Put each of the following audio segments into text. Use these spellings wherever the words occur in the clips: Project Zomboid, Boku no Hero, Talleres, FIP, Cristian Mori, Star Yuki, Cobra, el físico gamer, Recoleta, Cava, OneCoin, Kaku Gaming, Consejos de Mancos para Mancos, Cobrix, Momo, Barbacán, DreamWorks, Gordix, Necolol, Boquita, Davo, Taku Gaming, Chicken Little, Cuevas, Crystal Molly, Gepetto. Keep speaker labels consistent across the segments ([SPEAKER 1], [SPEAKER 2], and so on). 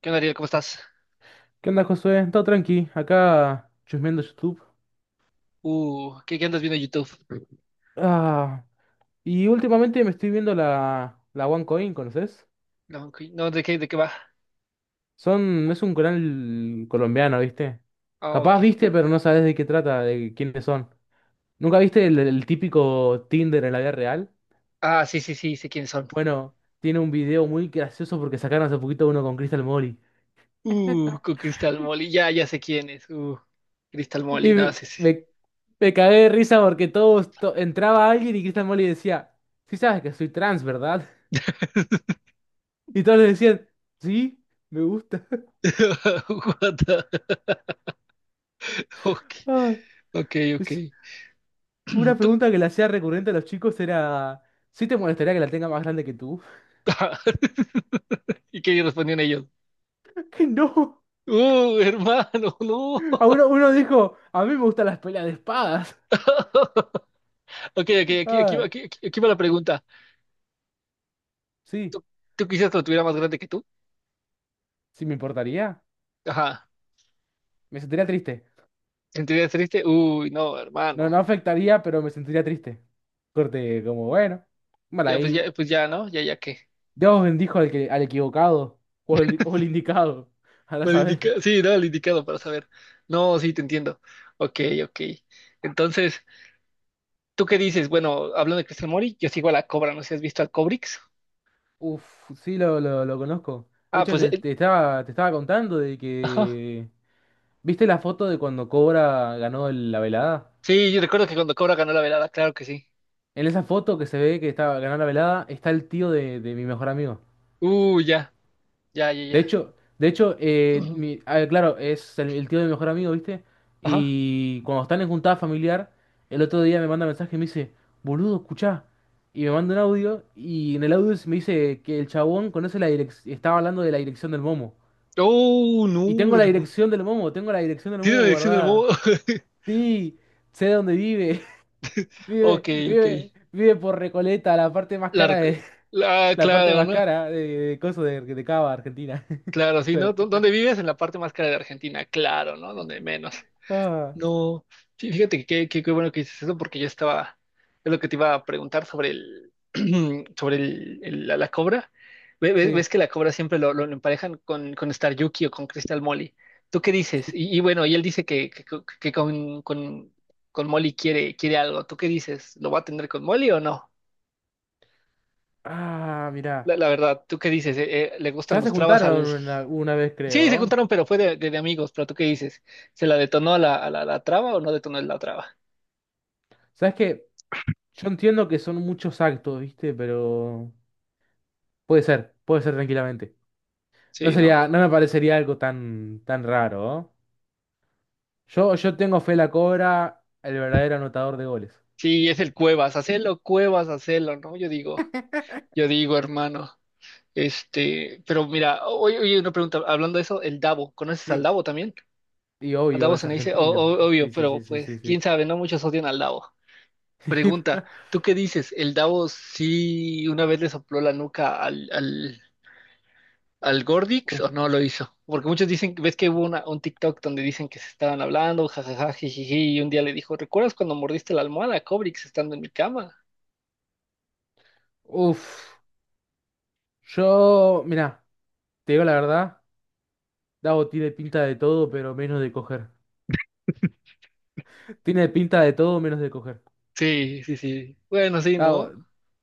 [SPEAKER 1] ¿Qué onda, Ariel? ¿Cómo estás?
[SPEAKER 2] ¿Qué onda, Josué? Todo tranqui, acá chusmeando YouTube.
[SPEAKER 1] ¿Qué andas viendo en YouTube?
[SPEAKER 2] Ah, y últimamente me estoy viendo la OneCoin, ¿conoces?
[SPEAKER 1] No, ok, no, ¿de qué va?
[SPEAKER 2] Es un canal colombiano, ¿viste?
[SPEAKER 1] Ah,
[SPEAKER 2] Capaz
[SPEAKER 1] ok.
[SPEAKER 2] viste, pero no sabes de qué trata, de quiénes son. ¿Nunca viste el típico Tinder en la vida real?
[SPEAKER 1] Ah, sí, sí, sí, sé quiénes son.
[SPEAKER 2] Bueno, tiene un video muy gracioso porque sacaron hace poquito uno con Crystal Molly.
[SPEAKER 1] Con Crystal Molly, ya, ya sé quién es. Crystal
[SPEAKER 2] Y
[SPEAKER 1] Molly, no,
[SPEAKER 2] me,
[SPEAKER 1] sí, sí.
[SPEAKER 2] me me cagué de risa porque entraba alguien y Crystal Molly decía, sí sabes que soy trans, ¿verdad? Y todos le decían, sí, me gusta.
[SPEAKER 1] What the- Ok,
[SPEAKER 2] Ay,
[SPEAKER 1] ok, ok.
[SPEAKER 2] es- una
[SPEAKER 1] Tú-
[SPEAKER 2] pregunta que le hacía recurrente a los chicos era, ¿sí te molestaría que la tenga más grande que tú?
[SPEAKER 1] ¿Y qué respondían ellos?
[SPEAKER 2] Que no.
[SPEAKER 1] Hermano, no.
[SPEAKER 2] Uno dijo, a mí me gustan las peleas de espadas.
[SPEAKER 1] Ok, ok, aquí, aquí, va-
[SPEAKER 2] Ay,
[SPEAKER 1] aquí, aquí- aquí va la pregunta.
[SPEAKER 2] sí,
[SPEAKER 1] ¿Tú, tú quisieras que lo tuviera más grande que tú?
[SPEAKER 2] sí me importaría.
[SPEAKER 1] Ajá.
[SPEAKER 2] Me sentiría triste.
[SPEAKER 1] ¿Sentirías triste? Uy, no,
[SPEAKER 2] No, no
[SPEAKER 1] hermano.
[SPEAKER 2] afectaría, pero me sentiría triste. Corte, como bueno, mal
[SPEAKER 1] Ya, pues
[SPEAKER 2] ahí.
[SPEAKER 1] ya, pues ya, ¿no? Ya, ya qué.
[SPEAKER 2] Dios bendijo al que, al equivocado o al indicado. Ahora saber.
[SPEAKER 1] Sí, no, el indicado para saber. No, sí, te entiendo. Ok, ok. Entonces, ¿tú qué dices? Bueno, hablando de Cristian Mori, yo sigo a la Cobra, no sé si has visto al Cobrix.
[SPEAKER 2] Uf, sí, lo conozco. De
[SPEAKER 1] Ah,
[SPEAKER 2] hecho,
[SPEAKER 1] pues,
[SPEAKER 2] te, te estaba, te estaba contando de
[SPEAKER 1] ajá.
[SPEAKER 2] que... ¿Viste la foto de cuando Cobra ganó la velada?
[SPEAKER 1] Sí, yo recuerdo que cuando Cobra ganó la velada, claro que sí.
[SPEAKER 2] En esa foto que se ve que estaba ganó la velada está el tío de mi mejor amigo.
[SPEAKER 1] Ya, ya, ya,
[SPEAKER 2] De
[SPEAKER 1] ya.
[SPEAKER 2] hecho, de hecho
[SPEAKER 1] Ujú.
[SPEAKER 2] ah, claro, es el tío de mi mejor amigo, ¿viste?
[SPEAKER 1] Ajá.
[SPEAKER 2] Y cuando están en juntada familiar, el otro día me manda mensaje y me dice, boludo, escuchá. Y me manda un audio y en el audio me dice que el chabón conoce la dirección, estaba hablando de la dirección del Momo.
[SPEAKER 1] Oh,
[SPEAKER 2] Y
[SPEAKER 1] no,
[SPEAKER 2] tengo la
[SPEAKER 1] hermano.
[SPEAKER 2] dirección del Momo, tengo la dirección del
[SPEAKER 1] Tiene la
[SPEAKER 2] Momo
[SPEAKER 1] adicción al
[SPEAKER 2] guardada.
[SPEAKER 1] modo.
[SPEAKER 2] Sí, sé dónde vive. Vive,
[SPEAKER 1] Ok, ok.
[SPEAKER 2] vive, vive por Recoleta, la parte más
[SPEAKER 1] La,
[SPEAKER 2] cara
[SPEAKER 1] rec-
[SPEAKER 2] de, la parte
[SPEAKER 1] claro,
[SPEAKER 2] más
[SPEAKER 1] ¿no?
[SPEAKER 2] cara de coso de Cava, Argentina.
[SPEAKER 1] Claro, sí,
[SPEAKER 2] Hijo de
[SPEAKER 1] ¿no? ¿Dó-
[SPEAKER 2] puta.
[SPEAKER 1] ¿Dónde vives? En la parte más cara de Argentina, claro, ¿no? Donde menos.
[SPEAKER 2] Ah,
[SPEAKER 1] No, sí, fíjate que qué bueno que dices eso porque es lo que te iba a preguntar sobre el, sobre el- la cobra. ¿Ves,
[SPEAKER 2] sí,
[SPEAKER 1] que la cobra siempre lo emparejan con Star Yuki o con Crystal Molly? ¿Tú qué dices?
[SPEAKER 2] sí.
[SPEAKER 1] Y bueno, y él dice que con Molly quiere algo. ¿Tú qué dices? ¿Lo va a tener con Molly o no?
[SPEAKER 2] Ah, mirá.
[SPEAKER 1] La verdad, ¿tú qué dices? ¿Le gustan
[SPEAKER 2] Ya se
[SPEAKER 1] los trabas
[SPEAKER 2] juntaron
[SPEAKER 1] al...?
[SPEAKER 2] una vez,
[SPEAKER 1] Sí, se
[SPEAKER 2] creo.
[SPEAKER 1] juntaron, pero fue de amigos, pero ¿tú qué dices? ¿Se la detonó a la traba o no detonó la traba?
[SPEAKER 2] ¿Sabes qué? Yo entiendo que son muchos actos, ¿viste? Pero puede ser tranquilamente. No
[SPEAKER 1] Sí, ¿no?
[SPEAKER 2] sería, no me parecería algo tan, tan raro, ¿eh? Yo tengo a fe la Cobra, el verdadero anotador de goles.
[SPEAKER 1] Sí, es el Cuevas, hacelo, ¿no? Yo digo, hermano. Este, pero mira, oye, oye, una pregunta, hablando de eso, el Davo, ¿conoces al
[SPEAKER 2] Sí.
[SPEAKER 1] Davo también?
[SPEAKER 2] Y
[SPEAKER 1] Al
[SPEAKER 2] obvio,
[SPEAKER 1] Davo se
[SPEAKER 2] es
[SPEAKER 1] me dice, o-
[SPEAKER 2] argentino.
[SPEAKER 1] o- obvio,
[SPEAKER 2] Sí, sí,
[SPEAKER 1] pero
[SPEAKER 2] sí, sí,
[SPEAKER 1] pues,
[SPEAKER 2] sí,
[SPEAKER 1] quién
[SPEAKER 2] sí.
[SPEAKER 1] sabe, no muchos odian al Davo. Pregunta, ¿tú qué dices? ¿El Davo sí una vez le sopló la nuca al Gordix
[SPEAKER 2] Uf.
[SPEAKER 1] o no lo hizo? Porque muchos dicen, ves que hubo un TikTok donde dicen que se estaban hablando, jajaja, jijiji, y un día le dijo, ¿recuerdas cuando mordiste la almohada, Cobrix, estando en mi cama?
[SPEAKER 2] Uf. Yo, mirá, te digo la verdad, Dago tiene pinta de todo, pero menos de coger. Tiene pinta de todo, menos de coger.
[SPEAKER 1] Sí, sí, sí. Bueno, sí,
[SPEAKER 2] Dago,
[SPEAKER 1] ¿no?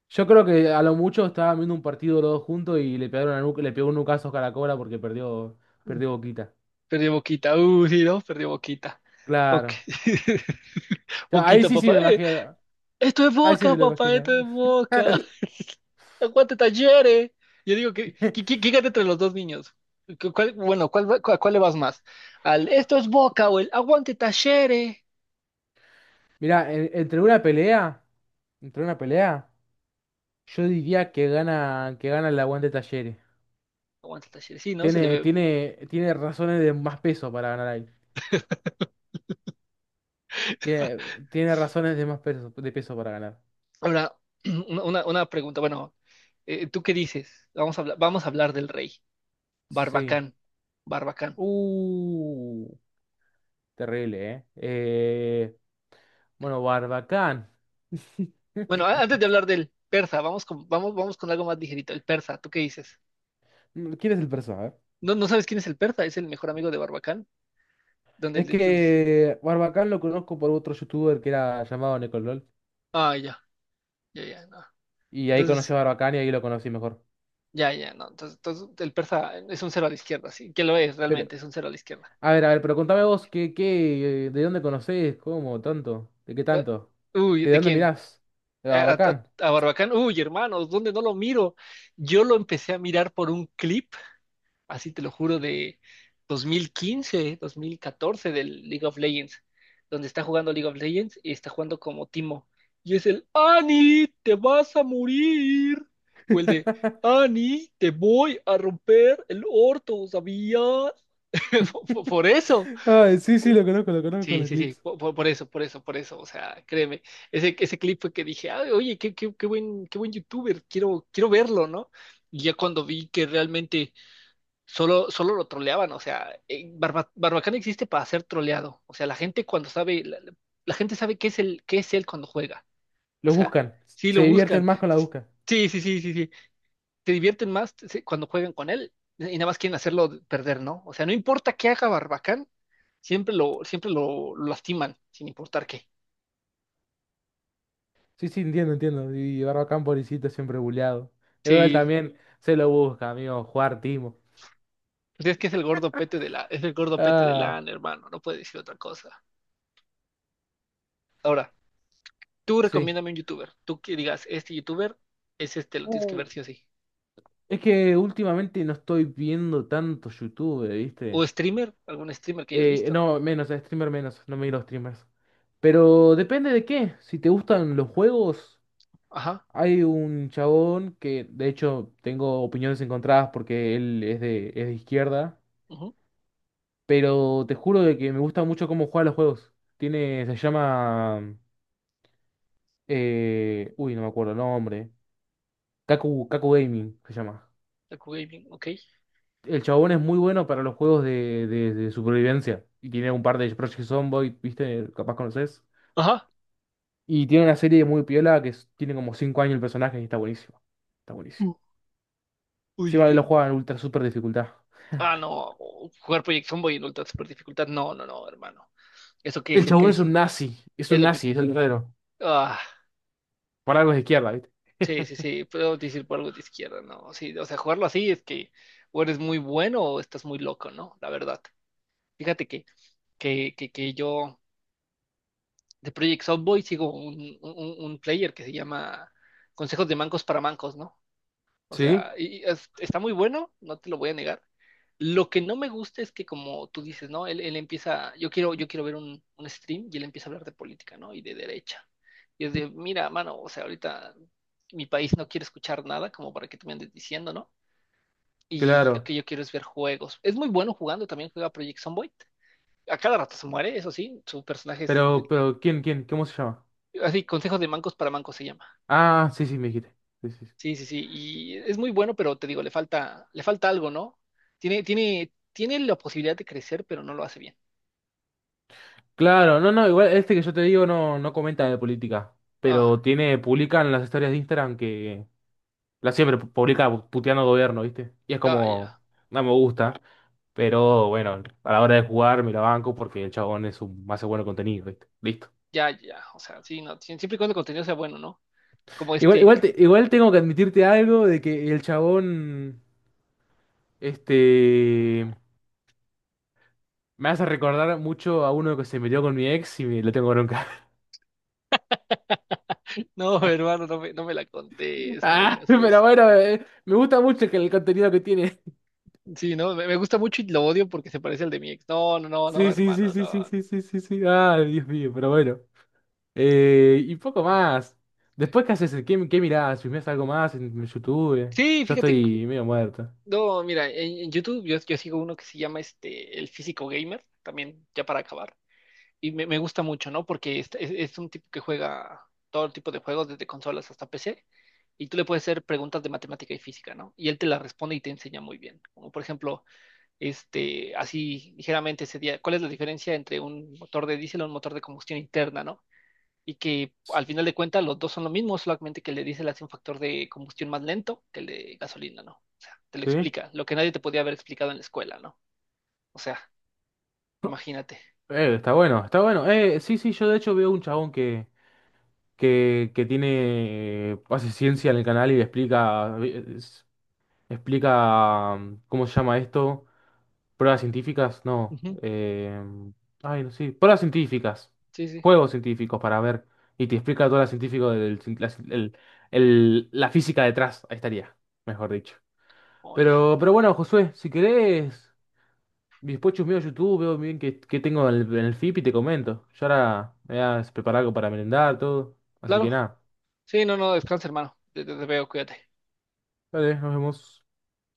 [SPEAKER 2] yo creo que a lo mucho estaban viendo un partido los dos juntos y le pegaron a le pegó un nucazo a la Cobra porque perdió Boquita.
[SPEAKER 1] Perdió Boquita. Sí, ¿no? Perdió Boquita. Ok.
[SPEAKER 2] Claro. Ya, ahí
[SPEAKER 1] Boquita,
[SPEAKER 2] sí, sí me
[SPEAKER 1] papá.
[SPEAKER 2] imagino.
[SPEAKER 1] Esto es
[SPEAKER 2] Ahí sí
[SPEAKER 1] Boca,
[SPEAKER 2] me lo
[SPEAKER 1] papá. Esto
[SPEAKER 2] imagino.
[SPEAKER 1] es Boca. Aguante Talleres. Yo digo que, que, que- que gane entre los dos niños. Bueno, ¿a cuál le vas más? ¿Al esto es Boca o el aguante Talleres?
[SPEAKER 2] Mirá, entre una pelea, yo diría que gana el aguante Talleres.
[SPEAKER 1] Aguante Talleres. Sí, ¿no? Se le
[SPEAKER 2] Tiene,
[SPEAKER 1] ve.
[SPEAKER 2] tiene, tiene razones de más peso para ganar ahí. Tiene, tiene razones de más peso, de peso para ganar.
[SPEAKER 1] Ahora, una pregunta. Bueno, ¿tú qué dices? Vamos a hablar del rey.
[SPEAKER 2] Sí.
[SPEAKER 1] Barbacán. Barbacán.
[SPEAKER 2] Uh, Terrible, ¿eh? Bueno, Barbacán.
[SPEAKER 1] Bueno, antes de hablar del persa, vamos con algo más ligerito. El persa, ¿tú qué dices?
[SPEAKER 2] ¿Quién es el personaje?
[SPEAKER 1] ¿No, no sabes quién es el persa? Es el mejor amigo de Barbacán. Donde,
[SPEAKER 2] Es
[SPEAKER 1] le- donde...
[SPEAKER 2] que Barbacán lo conozco por otro youtuber que era llamado Necolol.
[SPEAKER 1] Ah, ya, ya, ya, no.
[SPEAKER 2] Y ahí conocí
[SPEAKER 1] Entonces,
[SPEAKER 2] a Barbacán y ahí lo conocí mejor.
[SPEAKER 1] ya, ya, no. Entonces, el persa es un cero a la izquierda, sí. ¿Qué lo es
[SPEAKER 2] Pero.
[SPEAKER 1] realmente? Es un cero a la izquierda.
[SPEAKER 2] A ver, pero contame vos, ¿qué, de dónde conocés? ¿Cómo? ¿Tanto? ¿De qué
[SPEAKER 1] Eh,
[SPEAKER 2] tanto?
[SPEAKER 1] Uy,
[SPEAKER 2] ¿Qué de
[SPEAKER 1] ¿de
[SPEAKER 2] dónde
[SPEAKER 1] quién?
[SPEAKER 2] mirás? De
[SPEAKER 1] Eh, ¿A, a-
[SPEAKER 2] Barbacán.
[SPEAKER 1] a Barbacán? Uy, hermanos, ¿dónde no lo miro? Yo lo empecé a mirar por un clip así te lo juro, de dos mil quince, 2014 del League of Legends, donde está jugando League of Legends y está jugando como Timo. Y es el Ani, te vas a morir. O el de Ani, te voy a romper el orto, ¿sabías? Por por- por eso.
[SPEAKER 2] Ay, sí, sí, lo conozco,
[SPEAKER 1] Sí,
[SPEAKER 2] los
[SPEAKER 1] sí, sí,
[SPEAKER 2] clips.
[SPEAKER 1] por eso, o sea, créeme, ese clip fue que dije, "Ay, oye, qué buen youtuber, quiero verlo, ¿no? Y ya cuando vi que realmente solo lo troleaban, o sea, Barbacana existe para ser troleado. O sea, la gente cuando sabe, la gente sabe qué es él cuando juega. O
[SPEAKER 2] Los
[SPEAKER 1] sea,
[SPEAKER 2] buscan,
[SPEAKER 1] sí
[SPEAKER 2] se
[SPEAKER 1] lo buscan.
[SPEAKER 2] divierten más con la busca.
[SPEAKER 1] Sí, sí, sí, sí, sí. Te divierten más sí, cuando juegan con él y nada más quieren hacerlo perder, ¿no? O sea, no importa qué haga Barbacán, siempre lo lastiman, sin importar qué.
[SPEAKER 2] Sí, sí, entiendo, entiendo. Y Barbacán, pobrecito, siempre buleado. Y
[SPEAKER 1] Sí,
[SPEAKER 2] también se lo busca, amigo, jugar timo.
[SPEAKER 1] pues es que es el gordo pete de
[SPEAKER 2] Ah,
[SPEAKER 1] LAN, hermano, no puede decir otra cosa. Ahora. Tú
[SPEAKER 2] sí.
[SPEAKER 1] recomiéndame un youtuber. Tú que digas, este youtuber es este, lo tienes que
[SPEAKER 2] Uh,
[SPEAKER 1] ver sí o sí.
[SPEAKER 2] es que últimamente no estoy viendo tanto YouTube,
[SPEAKER 1] O
[SPEAKER 2] ¿viste?
[SPEAKER 1] streamer, algún streamer que hayas visto.
[SPEAKER 2] No, menos, streamer menos, no miro streamers. Pero depende de qué. Si te gustan los juegos,
[SPEAKER 1] Ajá.
[SPEAKER 2] hay un chabón que, de hecho, tengo opiniones encontradas porque él es de izquierda.
[SPEAKER 1] Ujú,
[SPEAKER 2] Pero te juro de que me gusta mucho cómo juega los juegos. Se llama... uy, no me acuerdo el nombre. Kaku Gaming se llama.
[SPEAKER 1] Taku Gaming, ok.
[SPEAKER 2] El chabón es muy bueno para los juegos de supervivencia. Y tiene un par de Project Zomboid, ¿viste? Capaz conoces.
[SPEAKER 1] Ajá.
[SPEAKER 2] Y tiene una serie muy piola tiene como 5 años el personaje y está buenísimo. Está buenísimo.
[SPEAKER 1] u- Uy,
[SPEAKER 2] Sí,
[SPEAKER 1] uy,
[SPEAKER 2] vale, lo
[SPEAKER 1] uy.
[SPEAKER 2] juega en ultra super dificultad.
[SPEAKER 1] Ah, no. Jugar Project Zomboid en ultra super dificultad. No, no, no, hermano. Eso quiere
[SPEAKER 2] El
[SPEAKER 1] decir que
[SPEAKER 2] chabón es
[SPEAKER 1] es
[SPEAKER 2] un
[SPEAKER 1] un.
[SPEAKER 2] nazi. Es
[SPEAKER 1] Es
[SPEAKER 2] un
[SPEAKER 1] lo que.
[SPEAKER 2] nazi, es el verdadero.
[SPEAKER 1] Ah,
[SPEAKER 2] Por algo es de izquierda, ¿viste?
[SPEAKER 1] sí, sí, sí. Puedo decir por algo de izquierda, ¿no? Sí, o sea, jugarlo así es que o eres muy bueno o estás muy loco, ¿no? La verdad. Fíjate que yo. De Project Softboy sigo un player que se llama Consejos de Mancos para Mancos, ¿no? O
[SPEAKER 2] Sí,
[SPEAKER 1] sea, está muy bueno, no te lo voy a negar. Lo que no me gusta es que como tú dices, ¿no? Él empieza, yo quiero ver un stream y él empieza a hablar de política, ¿no? Y de derecha. Mira, mano, o sea, ahorita mi país no quiere escuchar nada como para que tú me andes diciendo, ¿no? Y lo
[SPEAKER 2] claro.
[SPEAKER 1] que yo quiero es ver juegos. Es muy bueno jugando, también juega Project Zomboid. A cada rato se muere, eso sí, su personaje es,
[SPEAKER 2] Pero, pero, ¿quién? ¿Cómo se llama?
[SPEAKER 1] así, Consejos de Mancos para Mancos se llama.
[SPEAKER 2] Ah, sí, sí, me dijiste. Sí, sí.
[SPEAKER 1] Sí, sí, sí, y es muy bueno, pero te digo, le falta algo, ¿no? Tiene la posibilidad de crecer, pero no lo hace bien.
[SPEAKER 2] Claro, no, no, igual este que yo te digo no comenta de política.
[SPEAKER 1] Ah,
[SPEAKER 2] Pero publica en las historias de Instagram que la siempre publica puteando al gobierno, ¿viste? Y es
[SPEAKER 1] ah, ya,
[SPEAKER 2] como, no me gusta. Pero bueno, a la hora de jugar me la banco porque el chabón hace bueno contenido, ¿viste? Listo.
[SPEAKER 1] ya, ya, o sea, sí, no, sí, siempre y cuando el contenido sea bueno, ¿no? Como
[SPEAKER 2] Igual,
[SPEAKER 1] este,
[SPEAKER 2] igual, te- igual tengo que admitirte algo de que el chabón, este, me hace recordar mucho a uno que se metió con mi ex y me lo tengo bronca.
[SPEAKER 1] no, hermano, no me la contés, no me
[SPEAKER 2] Ah,
[SPEAKER 1] digas
[SPEAKER 2] pero
[SPEAKER 1] eso.
[SPEAKER 2] bueno, me gusta mucho que el contenido que tiene.
[SPEAKER 1] Sí, no, me gusta mucho y lo odio porque se parece al de mi ex. No, no, no, no,
[SPEAKER 2] Sí, sí, sí,
[SPEAKER 1] hermano,
[SPEAKER 2] sí, sí,
[SPEAKER 1] no. No.
[SPEAKER 2] sí, sí, sí, sí. Ah, Dios mío, pero bueno. Y poco más. Después, ¿qué haces? ¿Qué mirás? ¿Filmás algo más en YouTube?
[SPEAKER 1] Sí,
[SPEAKER 2] Yo
[SPEAKER 1] fíjate,
[SPEAKER 2] estoy medio muerto.
[SPEAKER 1] no, mira, en YouTube yo sigo uno que se llama este, el físico gamer, también ya para acabar. Y me gusta mucho, ¿no? Porque es un tipo que juega todo tipo de juegos, desde consolas hasta PC, y tú le puedes hacer preguntas de matemática y física, ¿no? Y él te las responde y te enseña muy bien. Como por ejemplo, este, así ligeramente sería, ¿cuál es la diferencia entre un motor de diésel o un motor de combustión interna, ¿no? Y que al final de cuentas los dos son lo mismo, solamente que el de diésel hace un factor de combustión más lento que el de gasolina, ¿no? O sea, te lo
[SPEAKER 2] ¿Sí?
[SPEAKER 1] explica, lo que nadie te podía haber explicado en la escuela, ¿no? O sea, imagínate.
[SPEAKER 2] Está bueno, está bueno. Sí, sí, yo de hecho veo un chabón que hace ciencia en el canal y explica, ¿cómo se llama esto? Pruebas científicas, no.
[SPEAKER 1] Ujú,
[SPEAKER 2] Ay, no sé, pruebas científicas,
[SPEAKER 1] sí, sí.
[SPEAKER 2] juegos científicos para ver. Y te explica todo lo científico del, cien- la, cien- el- la física detrás, ahí estaría, mejor dicho.
[SPEAKER 1] Oh, ya.
[SPEAKER 2] Pero bueno, Josué, si querés, y después chusmeo YouTube, veo bien qué tengo en el FIP y te comento. Yo ahora me voy a preparar algo para merendar, todo. Así
[SPEAKER 1] Claro,
[SPEAKER 2] que nada.
[SPEAKER 1] sí, no, no, descansa, hermano. Te veo, cuídate.
[SPEAKER 2] Dale, nos vemos.